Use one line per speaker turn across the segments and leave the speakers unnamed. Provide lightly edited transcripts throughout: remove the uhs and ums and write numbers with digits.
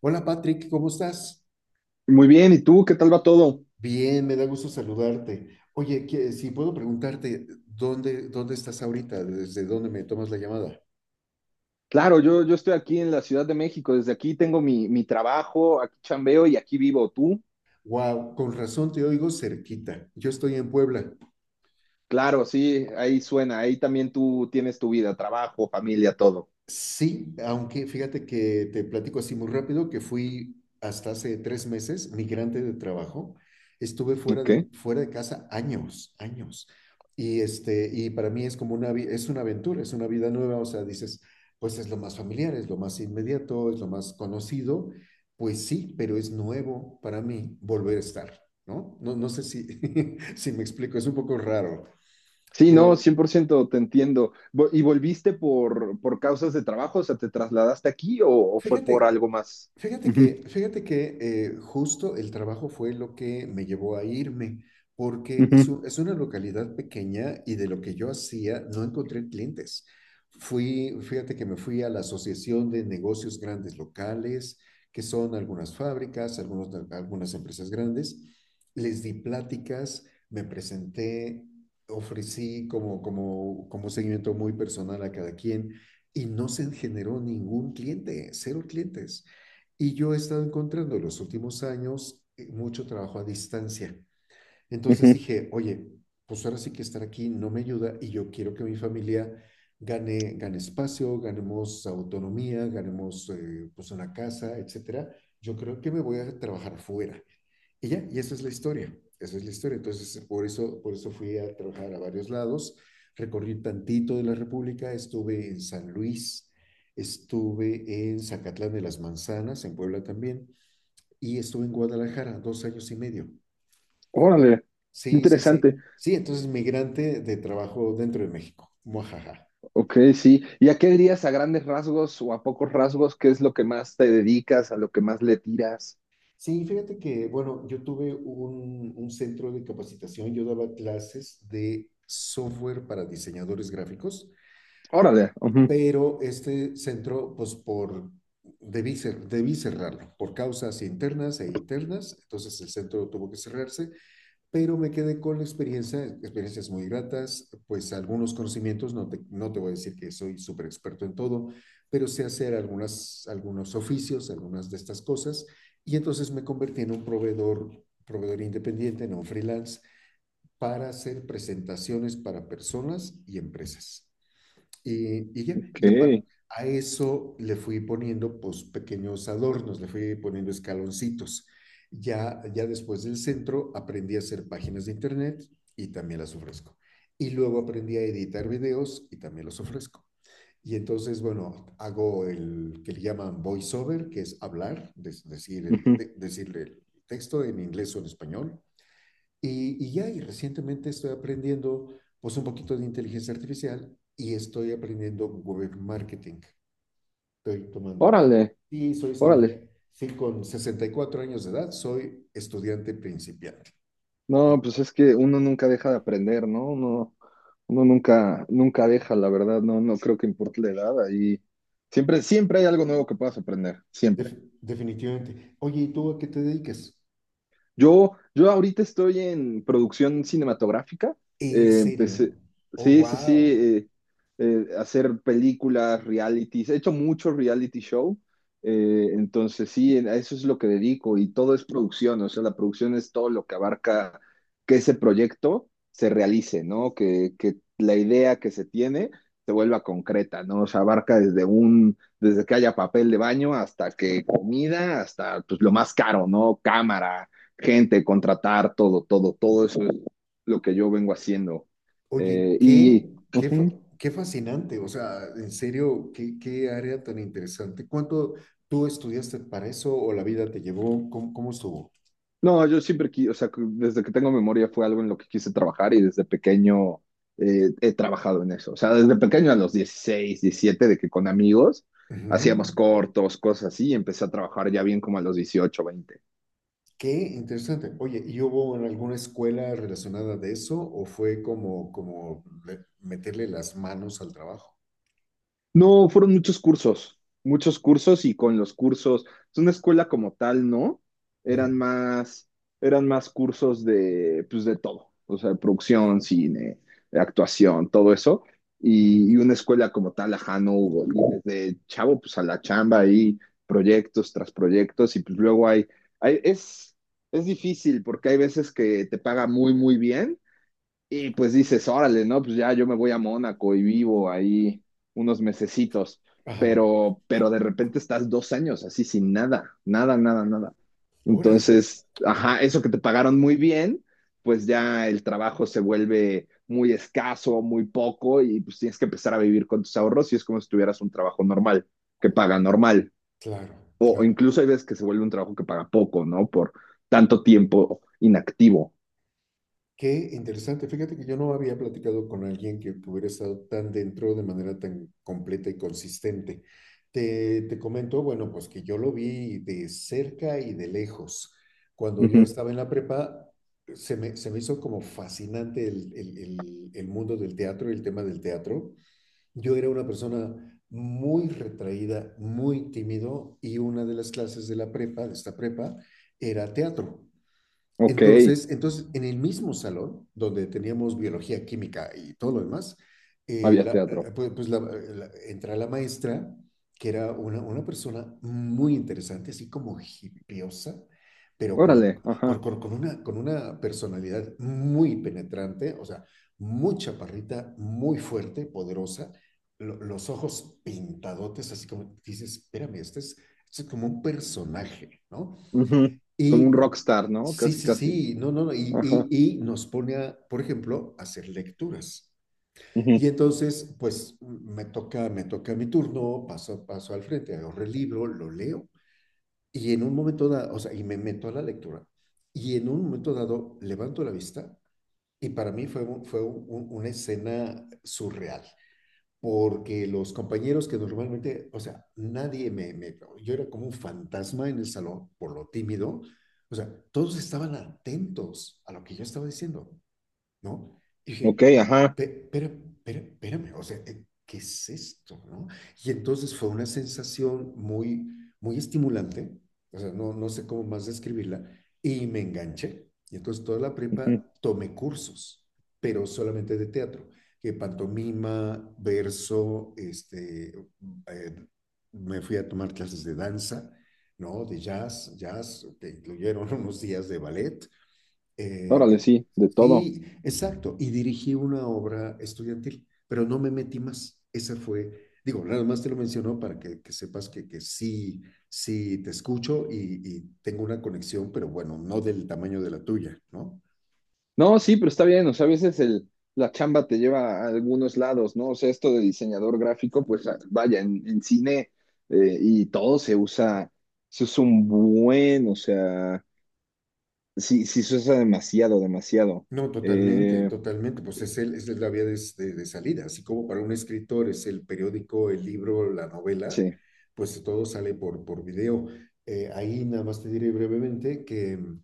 Hola Patrick, ¿cómo estás?
Muy bien, ¿y tú qué tal va todo?
Bien, me da gusto saludarte. Oye, si puedo preguntarte, ¿dónde estás ahorita? ¿Desde dónde me tomas la llamada?
Claro, yo estoy aquí en la Ciudad de México. Desde aquí tengo mi trabajo, aquí chambeo y aquí vivo. ¿Tú?
Wow, con razón te oigo cerquita. Yo estoy en Puebla.
Claro, sí, ahí suena, ahí también tú tienes tu vida, trabajo, familia, todo.
Sí, aunque fíjate que te platico así muy rápido que fui hasta hace 3 meses migrante de trabajo. Estuve fuera de,
Ok.
fuera de casa años, años. Y, y para mí es como una, es una aventura, es una vida nueva. O sea, dices, pues es lo más familiar, es lo más inmediato, es lo más conocido. Pues sí, pero es nuevo para mí volver a estar, ¿no? No, no sé si, si me explico, es un poco raro,
Sí, no,
pero
100% te entiendo. ¿Y volviste por causas de trabajo? O sea, ¿te trasladaste aquí o fue por
fíjate.
algo más?
Fíjate
Ujú,
que, fíjate que eh, justo el trabajo fue lo que me llevó a irme, porque
ujú,
es una localidad pequeña y de lo que yo hacía no encontré clientes. Fíjate que me fui a la Asociación de Negocios Grandes Locales, que son algunas fábricas, algunas empresas grandes. Les di pláticas, me presenté, ofrecí como un seguimiento muy personal a cada quien y no se generó ningún cliente, cero clientes. Y yo he estado encontrando en los últimos años mucho trabajo a distancia. Entonces
ujú.
dije, oye, pues ahora sí que estar aquí no me ayuda y yo quiero que mi familia gane espacio, ganemos autonomía, ganemos pues una casa, etcétera. Yo creo que me voy a trabajar fuera. Y ya, y esa es la historia, esa es la historia. Entonces, por eso fui a trabajar a varios lados, recorrí tantito de la República, estuve en San Luis, estuve en Zacatlán de las Manzanas, en Puebla también, y estuve en Guadalajara 2 años y medio.
Órale, qué
Sí, sí, sí.
interesante.
Sí, entonces migrante de trabajo dentro de México. Muajaja.
Ok, sí. ¿Y a qué dirías, a grandes rasgos o a pocos rasgos? ¿Qué es lo que más te dedicas, a lo que más le tiras?
Sí, fíjate que, bueno, yo tuve un centro de capacitación, yo daba clases de software para diseñadores gráficos,
Órale. Ujú.
pero este centro, pues por, debí cerrarlo por causas internas e internas. Entonces el centro tuvo que cerrarse, pero me quedé con la experiencia, experiencias muy gratas, pues algunos conocimientos. No te voy a decir que soy súper experto en todo, pero sé hacer algunos oficios, algunas de estas cosas, y entonces me convertí en un proveedor independiente, no freelance, para hacer presentaciones para personas y empresas. Y ya,
Ok.
y a eso le fui poniendo pues pequeños adornos, le fui poniendo escaloncitos. Ya después del centro aprendí a hacer páginas de internet y también las ofrezco. Y luego aprendí a editar videos y también los ofrezco. Y entonces, bueno, hago el que le llaman voiceover, que es hablar,
Ujú.
decir el texto en inglés o en español. Y ya, y recientemente estoy aprendiendo pues un poquito de inteligencia artificial y estoy aprendiendo web marketing. Estoy tomando.
Órale,
Y soy
órale.
estudiante. Sí, con 64 años de edad soy estudiante principiante. Y
No, pues es que uno nunca deja de aprender, ¿no? Uno nunca, nunca deja, la verdad, no, no creo que importe la edad. Ahí siempre, siempre hay algo nuevo que puedas aprender, siempre.
Definitivamente. Oye, ¿y tú a qué te dedicas?
Yo ahorita estoy en producción cinematográfica.
¿En serio?
Empecé,
Oh,
sí, sí, sí,
wow.
hacer películas, realities. He hecho mucho reality show. Entonces, sí, a eso es lo que dedico, y todo es producción. O sea, la producción es todo lo que abarca que ese proyecto se realice, ¿no? Que la idea que se tiene se vuelva concreta, ¿no? O sea, abarca desde que haya papel de baño, hasta que comida, hasta pues lo más caro, ¿no? Cámara, gente, contratar, todo, todo, todo eso es lo que yo vengo haciendo.
Oye,
Eh,
qué,
y
qué, fa-
Ujú.
qué fascinante. O sea, en serio, qué área tan interesante. ¿Cuánto tú estudiaste para eso o la vida te llevó? ¿Cómo estuvo?
No, yo siempre, o sea, que desde que tengo memoria fue algo en lo que quise trabajar, y desde pequeño he trabajado en eso. O sea, desde pequeño, a los 16, 17, de que con amigos
Ujú.
hacíamos cortos, cosas así, y empecé a trabajar ya bien como a los 18, 20.
Qué interesante. Oye, ¿y hubo en alguna escuela relacionada de eso o fue meterle las manos al trabajo?
No, fueron muchos cursos, muchos cursos, y con los cursos, es una escuela como tal, ¿no?
Ujú,
Eran más, eran más cursos de, pues, de todo. O sea, de producción, cine, de actuación, todo eso. Y,
ujú.
y una escuela como tal, ajá, no hubo. Y desde chavo, pues, a la chamba ahí, proyectos tras proyectos. Y pues luego hay, hay es difícil, porque hay veces que te paga muy, muy bien, y pues dices, órale, ¿no? Pues ya yo me voy a Mónaco y vivo ahí unos mesecitos.
Ajá.
Pero de repente estás 2 años así sin nada, nada, nada, nada.
Ahora.
Entonces,
Ujú.
ajá, eso que te pagaron muy bien, pues ya el trabajo se vuelve muy escaso, muy poco, y pues tienes que empezar a vivir con tus ahorros, y es como si tuvieras un trabajo normal, que paga normal.
Claro,
O
claro.
incluso hay veces que se vuelve un trabajo que paga poco, ¿no? Por tanto tiempo inactivo.
Qué interesante. Fíjate que yo no había platicado con alguien que hubiera estado tan dentro de manera tan completa y consistente. Te comento, bueno, pues que yo lo vi de cerca y de lejos. Cuando yo
Ujú.
estaba en la prepa, se me hizo como fascinante el mundo del teatro y el tema del teatro. Yo era una persona muy retraída, muy tímido, y una de las clases de la prepa, de esta prepa, era teatro.
Ok,
Entonces, en el mismo salón donde teníamos biología, química y todo lo demás,
había teatro.
entra la maestra, que era una persona muy interesante, así como hipiosa, pero
Órale,
con, con,
ajá,
con- con una, con una personalidad muy penetrante. O sea, muy chaparrita, muy fuerte, poderosa, los ojos pintadotes, así como dices, espérame, este es como un personaje, ¿no?
ujú. Como un
Y
rockstar, ¿no?
sí,
Casi,
sí,
casi.
sí, no, no, no, y,
Ajá,
y, y nos pone a, por ejemplo, a hacer lecturas.
ujú.
Y entonces, pues me toca mi turno, paso al frente, agarro el libro, lo leo. Y en un momento dado, o sea, y me meto a la lectura. Y en un momento dado, levanto la vista y para mí fue, una escena surreal, porque los compañeros que normalmente, o sea, nadie yo era como un fantasma en el salón por lo tímido. O sea, todos estaban atentos a lo que yo estaba diciendo, ¿no? Y
Ok,
dije,
ajá,
pero, pero, espérame, o sea, ¿qué es esto, no? Y entonces fue una sensación muy, muy estimulante, o sea, no sé cómo más describirla, y me enganché. Y entonces toda la
ujú.
prepa tomé cursos, pero solamente de teatro, que pantomima, verso, eh, me fui a tomar clases de danza, ¿no? De jazz, jazz, que incluyeron unos días de ballet, eh,
Órale, sí, de todo.
sí, exacto. Y dirigí una obra estudiantil, pero no me metí más. Esa fue, digo, nada más te lo menciono para que sepas que sí, sí te escucho y tengo una conexión, pero bueno, no del tamaño de la tuya, ¿no?
No, sí, pero está bien. O sea, a veces la chamba te lleva a algunos lados, ¿no? O sea, esto de diseñador gráfico, pues ah, vaya, en cine y todo se usa un buen. O sea, sí, sí se usa demasiado, demasiado.
No, totalmente,
Eh,
totalmente. Pues es la vía de, de salida. Así como para un escritor es el periódico, el libro, la novela,
sí,
pues todo sale por video. Ahí nada más te diré brevemente que, mm,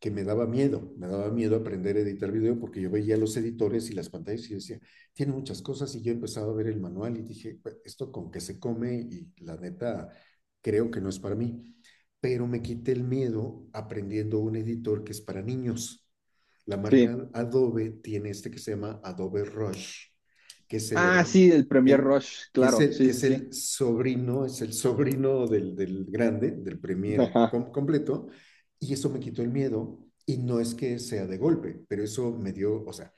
que me daba miedo aprender a editar video porque yo veía los editores y las pantallas y decía, tiene muchas cosas y yo empezaba a ver el manual y dije, "Pues, esto con qué se come y la neta creo que no es para mí". Pero me quité el miedo aprendiendo un editor que es para niños. La
sí.
marca Adobe tiene este que se llama Adobe Rush, que es el
Ah,
hermano,
sí, el Premier
que,
Rush,
que, es
claro,
el,
sí,
que
sí, sí.
es el sobrino del grande, del Premiere
Ajá,
completo, y eso me quitó el miedo. Y no es que sea de golpe, pero eso me dio, o sea,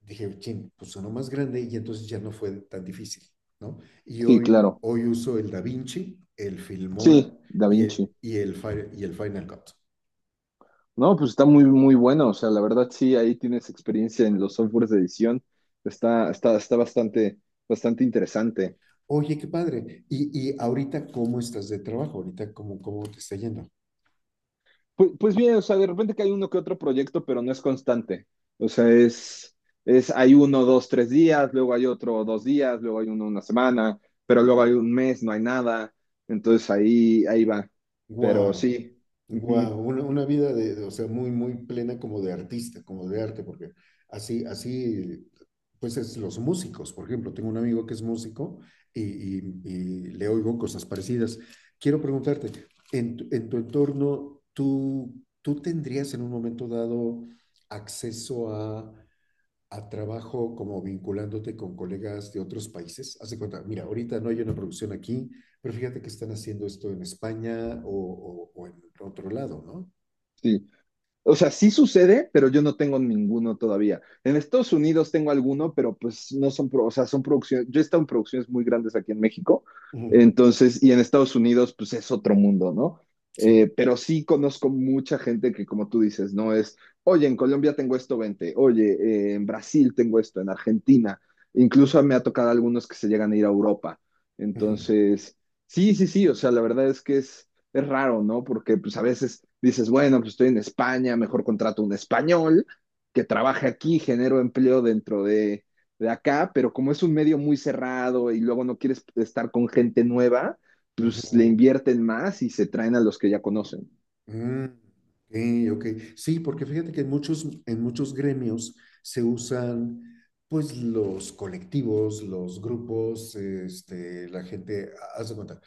dije, chin, pues sonó más grande y entonces ya no fue tan difícil, ¿no? Y
sí,
hoy,
claro.
hoy uso el DaVinci, el
Sí,
Filmora
Da
y
Vinci.
el, y el, y el Final Cut.
No, pues está muy, muy bueno. O sea, la verdad sí, ahí tienes experiencia en los softwares de edición. Está bastante, bastante interesante.
Oye, qué padre. Y ahorita, ¿cómo estás de trabajo? Ahorita, ¿cómo te está yendo?
Pues bien, o sea, de repente que hay uno que otro proyecto, pero no es constante. O sea, hay uno, dos, tres días, luego hay otro, 2 días, luego hay uno, una semana, pero luego hay un mes, no hay nada. Entonces ahí, ahí va. Pero
Wow,
sí,
wow,
ujú,
una vida de, o sea, muy, muy plena, como de artista, como de arte, porque así, así, pues es los músicos, por ejemplo, tengo un amigo que es músico y le oigo cosas parecidas. Quiero preguntarte, en tu entorno, ¿tú, tendrías en un momento dado acceso a trabajo como vinculándote con colegas de otros países? Haz de cuenta, mira, ahorita no hay una producción aquí, pero fíjate que están haciendo esto en España o en otro lado, ¿no?
sí. O sea, sí sucede, pero yo no tengo ninguno todavía. En Estados Unidos tengo alguno, pero pues no son, o sea, son producciones. Yo he estado en producciones muy grandes aquí en México.
Ujú.
Entonces, y en Estados Unidos, pues es otro mundo, ¿no?
Sí.
Pero sí conozco mucha gente que, como tú dices, no es, oye, en Colombia tengo esto, vente. Oye, en Brasil tengo esto, en Argentina, incluso me ha tocado algunos que se llegan a ir a Europa.
Ujú,
Entonces, sí, sí, sí, o sea, la verdad es que es raro, ¿no? Porque pues a veces dices, bueno, pues estoy en España, mejor contrato un español que trabaje aquí, genero empleo dentro de acá. Pero como es un medio muy cerrado, y luego no quieres estar con gente nueva, pues le
ujú.
invierten más y se traen a los que ya conocen.
Mm, ok, ok. Sí, porque fíjate que en muchos gremios se usan pues los colectivos, los grupos, la gente, haz de cuenta,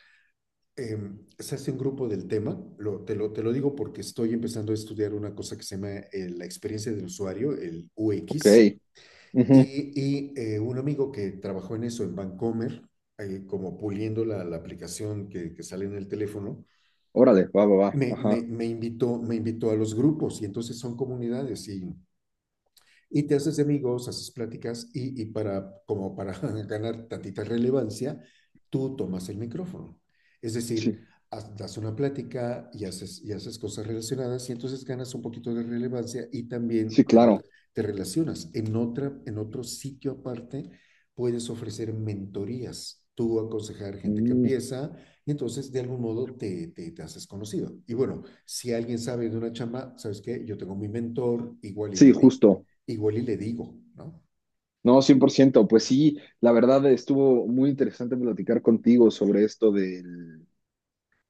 se hace un grupo del tema, te lo digo porque estoy empezando a estudiar una cosa que se llama la experiencia del usuario, el UX,
Ok, ujú.
y, un amigo que trabajó en eso en Vancomer, como puliendo la aplicación que sale en el teléfono,
Órale, va, va, va,
me,
ajá,
me, me invitó, me invitó a los grupos, y entonces son comunidades y te haces amigos, haces pláticas y como para ganar tantita relevancia, tú tomas el micrófono. Es
sí,
decir, das una plática y haces cosas relacionadas, y entonces ganas un poquito de relevancia y también
sí, claro.
te relacionas. En otro sitio aparte puedes ofrecer mentorías, tú aconsejar gente que
Mm.
empieza, y entonces de algún modo te haces conocido. Y bueno, si alguien sabe de una chamba, ¿sabes qué? Yo tengo mi mentor, igual y
Sí,
le di.
justo.
Igual y le digo, ¿no?
No, 100%, pues sí. La verdad, estuvo muy interesante platicar contigo sobre esto del,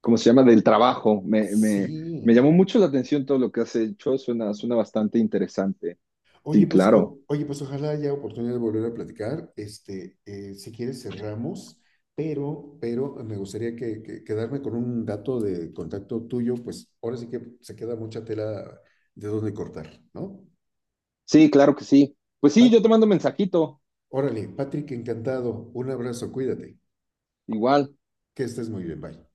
¿cómo se llama? Del trabajo. Me
Sí.
llamó mucho la atención todo lo que has hecho. Suena, suena bastante interesante. Sí, claro.
Oye, pues ojalá haya oportunidad de volver a platicar. Si quieres cerramos, pero, me gustaría quedarme con un dato de contacto tuyo, pues ahora sí que se queda mucha tela de dónde cortar, ¿no?
Sí, claro que sí. Pues sí, yo
Pat-
te mando un mensajito.
órale, Patrick, encantado. Un abrazo, cuídate.
Igual.
Que estés muy bien, bye.